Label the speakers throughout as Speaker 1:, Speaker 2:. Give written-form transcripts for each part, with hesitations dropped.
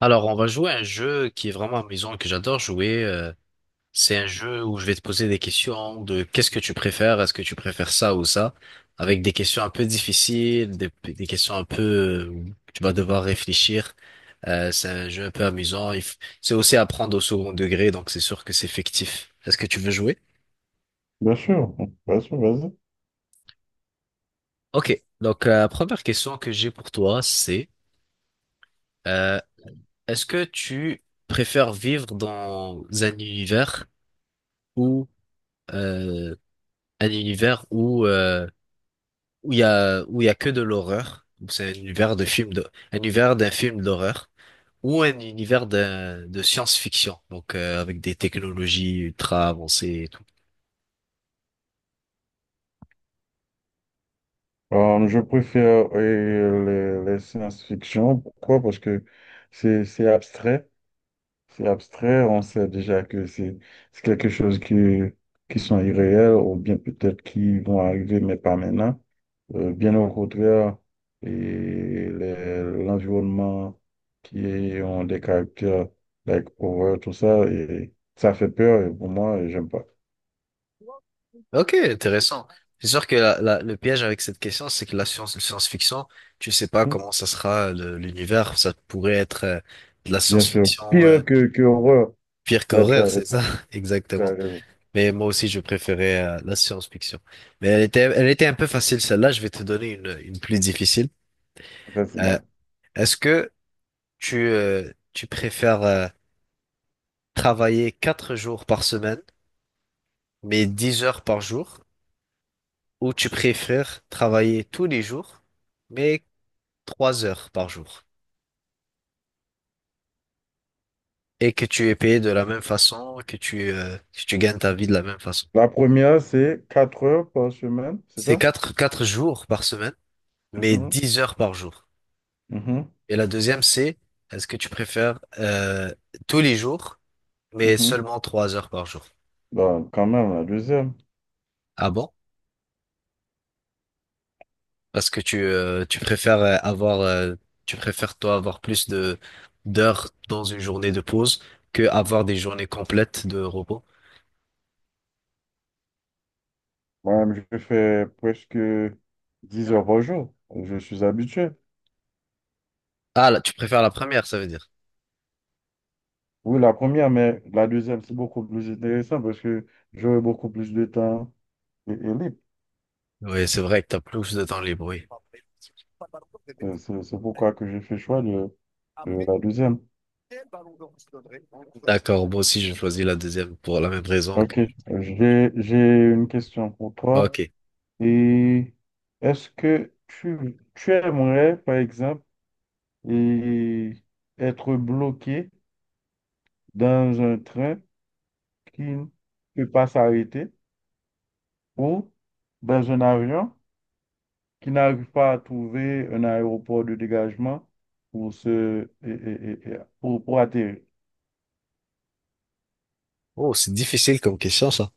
Speaker 1: Alors, on va jouer à un jeu qui est vraiment amusant, que j'adore jouer. C'est un jeu où je vais te poser des questions de qu'est-ce que tu préfères, est-ce que tu préfères ça ou ça, avec des questions un peu difficiles, des questions un peu où tu vas devoir réfléchir. C'est un jeu un peu amusant. C'est aussi à prendre au second degré, donc c'est sûr que c'est fictif. Est-ce que tu veux jouer?
Speaker 2: Bien sûr, bien sûr, vas-y.
Speaker 1: Ok, donc la première question que j'ai pour toi, c'est euh, est-ce que tu préfères vivre dans où euh, un univers où où il y a où il y a que de l'horreur. Donc c'est un univers de film de un univers d'un film d'horreur ou un univers de science-fiction. Donc avec des technologies ultra avancées et tout.
Speaker 2: Je préfère les science-fiction. Pourquoi? Parce que c'est abstrait. C'est abstrait. On sait déjà que c'est quelque chose qui sont irréels ou bien peut-être qui vont arriver, mais pas maintenant. Bien au contraire, et l'environnement ont des caractères, like horreur, tout ça, et ça fait peur. Et pour moi, j'aime pas.
Speaker 1: Ok, intéressant. C'est sûr que le piège avec cette question, c'est que la science, le science-fiction, tu sais pas
Speaker 2: Hmm.
Speaker 1: comment ça sera l'univers. Ça pourrait être de la
Speaker 2: Bien sûr.
Speaker 1: science-fiction
Speaker 2: Pire que horreur.
Speaker 1: pire
Speaker 2: That's
Speaker 1: qu'horreur,
Speaker 2: right.
Speaker 1: c'est ça?
Speaker 2: Tu
Speaker 1: Exactement.
Speaker 2: raison.
Speaker 1: Mais moi aussi, je préférais la science-fiction. Mais elle était un peu facile, celle-là. Je vais te donner une plus difficile.
Speaker 2: Vas-y,
Speaker 1: Euh,
Speaker 2: bah.
Speaker 1: Est-ce que tu préfères travailler 4 jours par semaine, mais 10 heures par jour, ou tu préfères travailler tous les jours, mais 3 heures par jour, et que tu es payé de la même façon, que tu gagnes ta vie de la même façon?
Speaker 2: La première, c'est 4 heures par semaine, c'est
Speaker 1: C'est
Speaker 2: ça?
Speaker 1: quatre jours par semaine, mais
Speaker 2: Mhm,
Speaker 1: 10 heures par jour.
Speaker 2: mhm,
Speaker 1: Et la deuxième, c'est est-ce que tu préfères tous les jours, mais
Speaker 2: mhm.
Speaker 1: seulement 3 heures par jour?
Speaker 2: Bah, quand même, la deuxième.
Speaker 1: Ah bon? Parce que tu préfères avoir tu préfères toi avoir plus de d'heures dans une journée de pause que avoir des journées complètes de repos.
Speaker 2: Moi-même, je fais presque 10 heures par jour. Je suis habitué.
Speaker 1: Ah là, tu préfères la première, ça veut dire.
Speaker 2: Oui, la première, mais la deuxième, c'est beaucoup plus intéressant parce que j'aurai beaucoup plus de temps et libre.
Speaker 1: Oui, c'est vrai que t'as plus de temps libre, oui.
Speaker 2: C'est pourquoi que j'ai fait choix de la deuxième.
Speaker 1: D'accord, moi aussi je choisis la deuxième pour la même raison que.
Speaker 2: OK. J'ai une question pour toi.
Speaker 1: Ok.
Speaker 2: Et est-ce que tu aimerais, par exemple, et être bloqué dans un train qui ne peut pas s'arrêter ou dans un avion qui n'arrive pas à trouver un aéroport de dégagement pour se, et- pour atterrir.
Speaker 1: Oh, c'est difficile comme question, ça.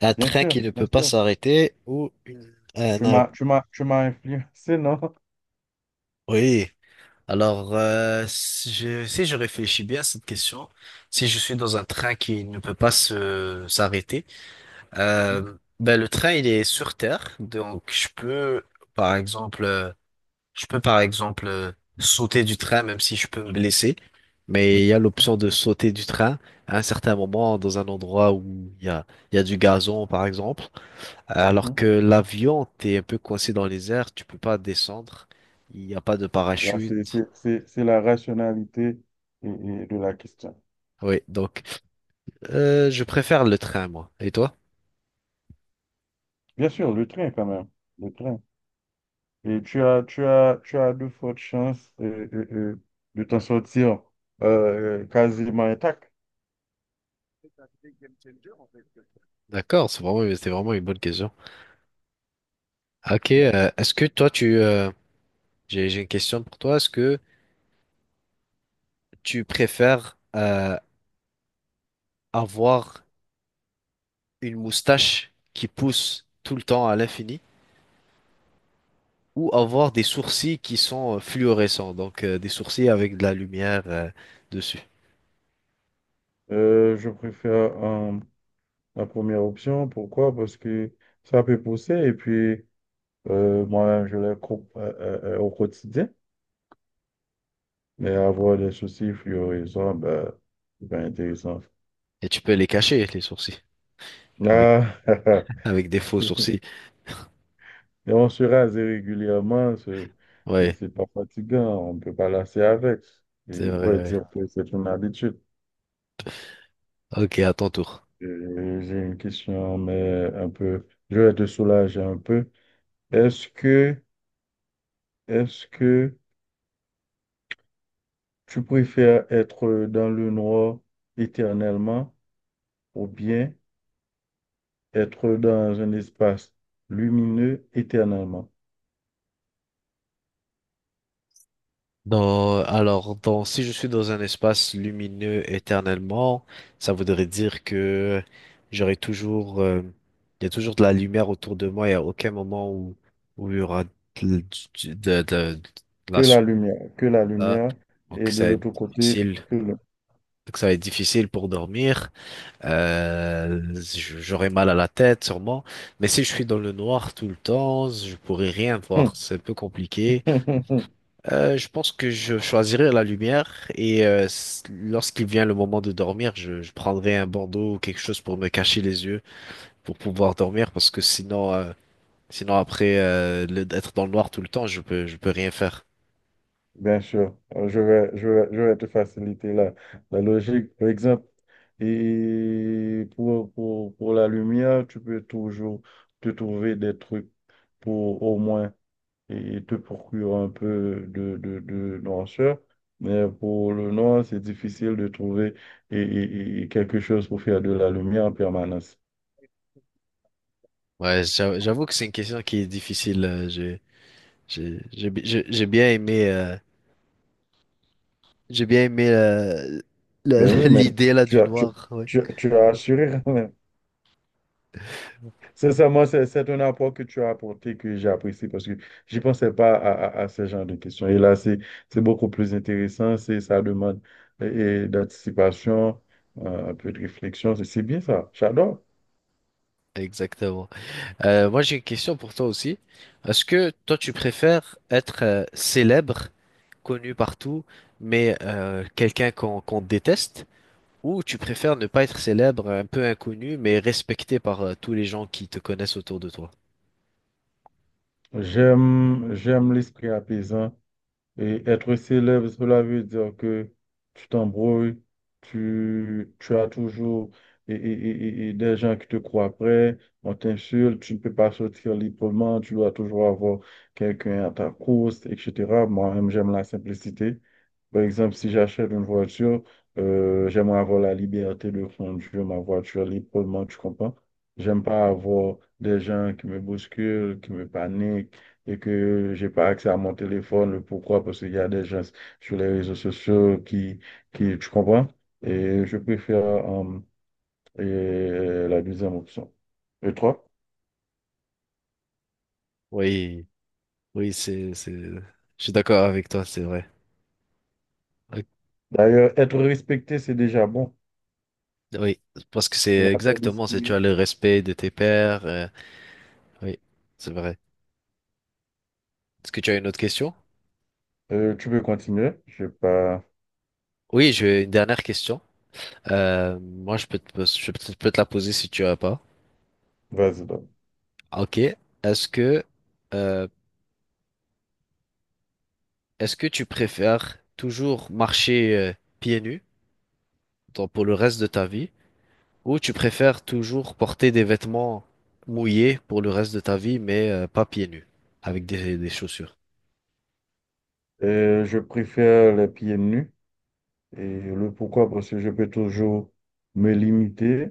Speaker 1: Un
Speaker 2: Bien
Speaker 1: train
Speaker 2: sûr,
Speaker 1: qui ne
Speaker 2: bien
Speaker 1: peut pas
Speaker 2: sûr.
Speaker 1: s'arrêter ou un aé-.
Speaker 2: Tu m'as influencé, non?
Speaker 1: Oui. Alors, si je réfléchis bien à cette question, si je suis dans un train qui ne peut pas se s'arrêter, ben le train il est sur terre, donc je peux, par exemple, je peux par exemple sauter du train même si je peux me blesser, mais il y a l'option de sauter du train à un certain moment dans un endroit où il y a du gazon par exemple. Alors
Speaker 2: Hein?
Speaker 1: que l'avion, t'es un peu coincé dans les airs, tu peux pas descendre, il n'y a pas de
Speaker 2: Là,
Speaker 1: parachute.
Speaker 2: c'est la rationalité et de la question.
Speaker 1: Oui, donc je préfère le train, moi. Et toi?
Speaker 2: Bien sûr, le train quand même. Le train. Tu as de fortes chances de t'en sortir quasiment intact.
Speaker 1: D'accord, c'est vraiment une bonne question. Ok, est-ce que toi, j'ai une question pour toi. Est-ce que tu préfères avoir une moustache qui pousse tout le temps à l'infini? Ou avoir des sourcils qui sont fluorescents, donc des sourcils avec de la lumière dessus.
Speaker 2: Je préfère la première option. Pourquoi? Parce que ça peut pousser et puis moi, je les coupe au quotidien. Mais avoir des soucis fluorescents, ben, c'est pas intéressant.
Speaker 1: Et tu peux les cacher, les sourcils, avec,
Speaker 2: Ah,
Speaker 1: avec des faux sourcils.
Speaker 2: et on se rase régulièrement. c'est
Speaker 1: Ouais,
Speaker 2: c'est pas fatigant, on ne peut pas lasser avec.
Speaker 1: c'est
Speaker 2: Et on
Speaker 1: vrai,
Speaker 2: pourrait
Speaker 1: ouais.
Speaker 2: dire que c'est une habitude.
Speaker 1: Ok, à ton tour.
Speaker 2: J'ai une question, mais un peu, je vais te soulager un peu. Est-ce que, est-ce que tu préfères être dans le noir éternellement ou bien être dans un espace lumineux éternellement?
Speaker 1: Dans- alors, dans, si je suis dans un espace lumineux éternellement, ça voudrait dire que j'aurai toujours, il y a toujours de la lumière autour de moi, il n'y a aucun moment où, où il y aura de, de la... s-
Speaker 2: Que la
Speaker 1: là.
Speaker 2: lumière
Speaker 1: Donc,
Speaker 2: est de
Speaker 1: ça va être
Speaker 2: l'autre côté
Speaker 1: difficile.
Speaker 2: que
Speaker 1: Donc ça va être difficile pour dormir. J'aurai mal à la tête sûrement. Mais si je suis dans le noir tout le temps, je pourrai rien
Speaker 2: le...
Speaker 1: voir. C'est un peu compliqué. Je pense que je choisirai la lumière et lorsqu'il vient le moment de dormir, je prendrai un bandeau ou quelque chose pour me cacher les yeux pour pouvoir dormir parce que sinon, sinon après d'être dans le noir tout le temps, je peux rien faire.
Speaker 2: Bien sûr. Je vais te faciliter la, la logique. Par exemple, et pour la lumière, tu peux toujours te trouver des trucs pour au moins et te procurer un peu de noirceur. Mais pour le noir, c'est difficile de trouver et quelque chose pour faire de la lumière en permanence.
Speaker 1: Ouais, j'avoue que c'est une question qui est difficile. J'ai bien aimé. J'ai bien aimé
Speaker 2: Ben oui, mais
Speaker 1: l'idée là
Speaker 2: tu
Speaker 1: du
Speaker 2: as, tu,
Speaker 1: noir, ouais.
Speaker 2: tu as assuré. Sincèrement, c'est un apport que tu as apporté que j'apprécie parce que je pensais pas à, à ce genre de questions. Et là, c'est beaucoup plus intéressant, c'est ça demande d'anticipation, un peu de réflexion. C'est bien ça, j'adore.
Speaker 1: Exactement. Moi, j'ai une question pour toi aussi. Est-ce que toi, tu préfères être célèbre, connu partout, mais quelqu'un qu'on déteste, ou tu préfères ne pas être célèbre, un peu inconnu, mais respecté par tous les gens qui te connaissent autour de toi?
Speaker 2: J'aime l'esprit apaisant. Et être célèbre, cela veut dire que tu t'embrouilles, tu as toujours et des gens qui te croient prêt, on t'insulte, tu ne peux pas sortir librement, tu dois toujours avoir quelqu'un à ta course, etc. Moi-même, j'aime la simplicité. Par exemple, si j'achète une voiture, j'aimerais avoir la liberté de conduire ma voiture librement, tu comprends? J'aime pas avoir des gens qui me bousculent, qui me paniquent et que j'ai pas accès à mon téléphone. Pourquoi? Parce qu'il y a des gens sur les réseaux sociaux qui, tu comprends? Et je préfère et la deuxième option. Et toi?
Speaker 1: Oui, oui, je suis d'accord avec toi, c'est vrai. Ok.
Speaker 2: D'ailleurs, être respecté, c'est déjà bon.
Speaker 1: Oui, parce que
Speaker 2: C'est
Speaker 1: c'est
Speaker 2: la paix
Speaker 1: exactement, c'est tu
Speaker 2: d'esprit.
Speaker 1: as le respect de tes pairs. Oui, c'est vrai. Est-ce que tu as une autre question?
Speaker 2: Tu peux continuer. Je pas.
Speaker 1: Oui, j'ai une dernière question. Moi, je peux te la poser si tu as pas.
Speaker 2: Vas-y donc.
Speaker 1: Ok. Est-ce que euh, est-ce que tu préfères toujours marcher pieds nus donc pour le reste de ta vie ou tu préfères toujours porter des vêtements mouillés pour le reste de ta vie mais pas pieds nus avec des chaussures?
Speaker 2: Je préfère les pieds nus. Et le pourquoi? Parce que je peux toujours me limiter,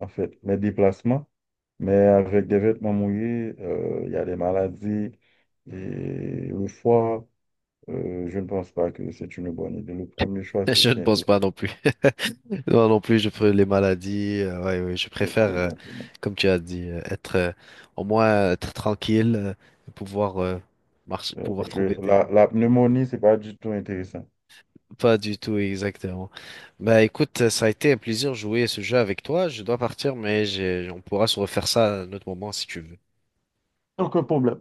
Speaker 2: en fait, mes déplacements. Mais avec des vêtements mouillés, il y a des maladies. Et le foie, je ne pense pas que c'est une bonne idée. Le premier choix, c'est
Speaker 1: Je
Speaker 2: c'est
Speaker 1: ne pense
Speaker 2: intéressant.
Speaker 1: pas non plus. Moi non plus, je préfère les maladies. Ouais, ouais,
Speaker 2: Exactement.
Speaker 1: comme tu as dit, être au moins être tranquille, et pouvoir marcher, pouvoir
Speaker 2: Parce que
Speaker 1: trouver des.
Speaker 2: la pneumonie, c'est pas du tout intéressant.
Speaker 1: Pas du tout, exactement. Bah écoute, ça a été un plaisir de jouer à ce jeu avec toi. Je dois partir, mais j'ai- on pourra se refaire ça à un autre moment si tu veux.
Speaker 2: Aucun problème.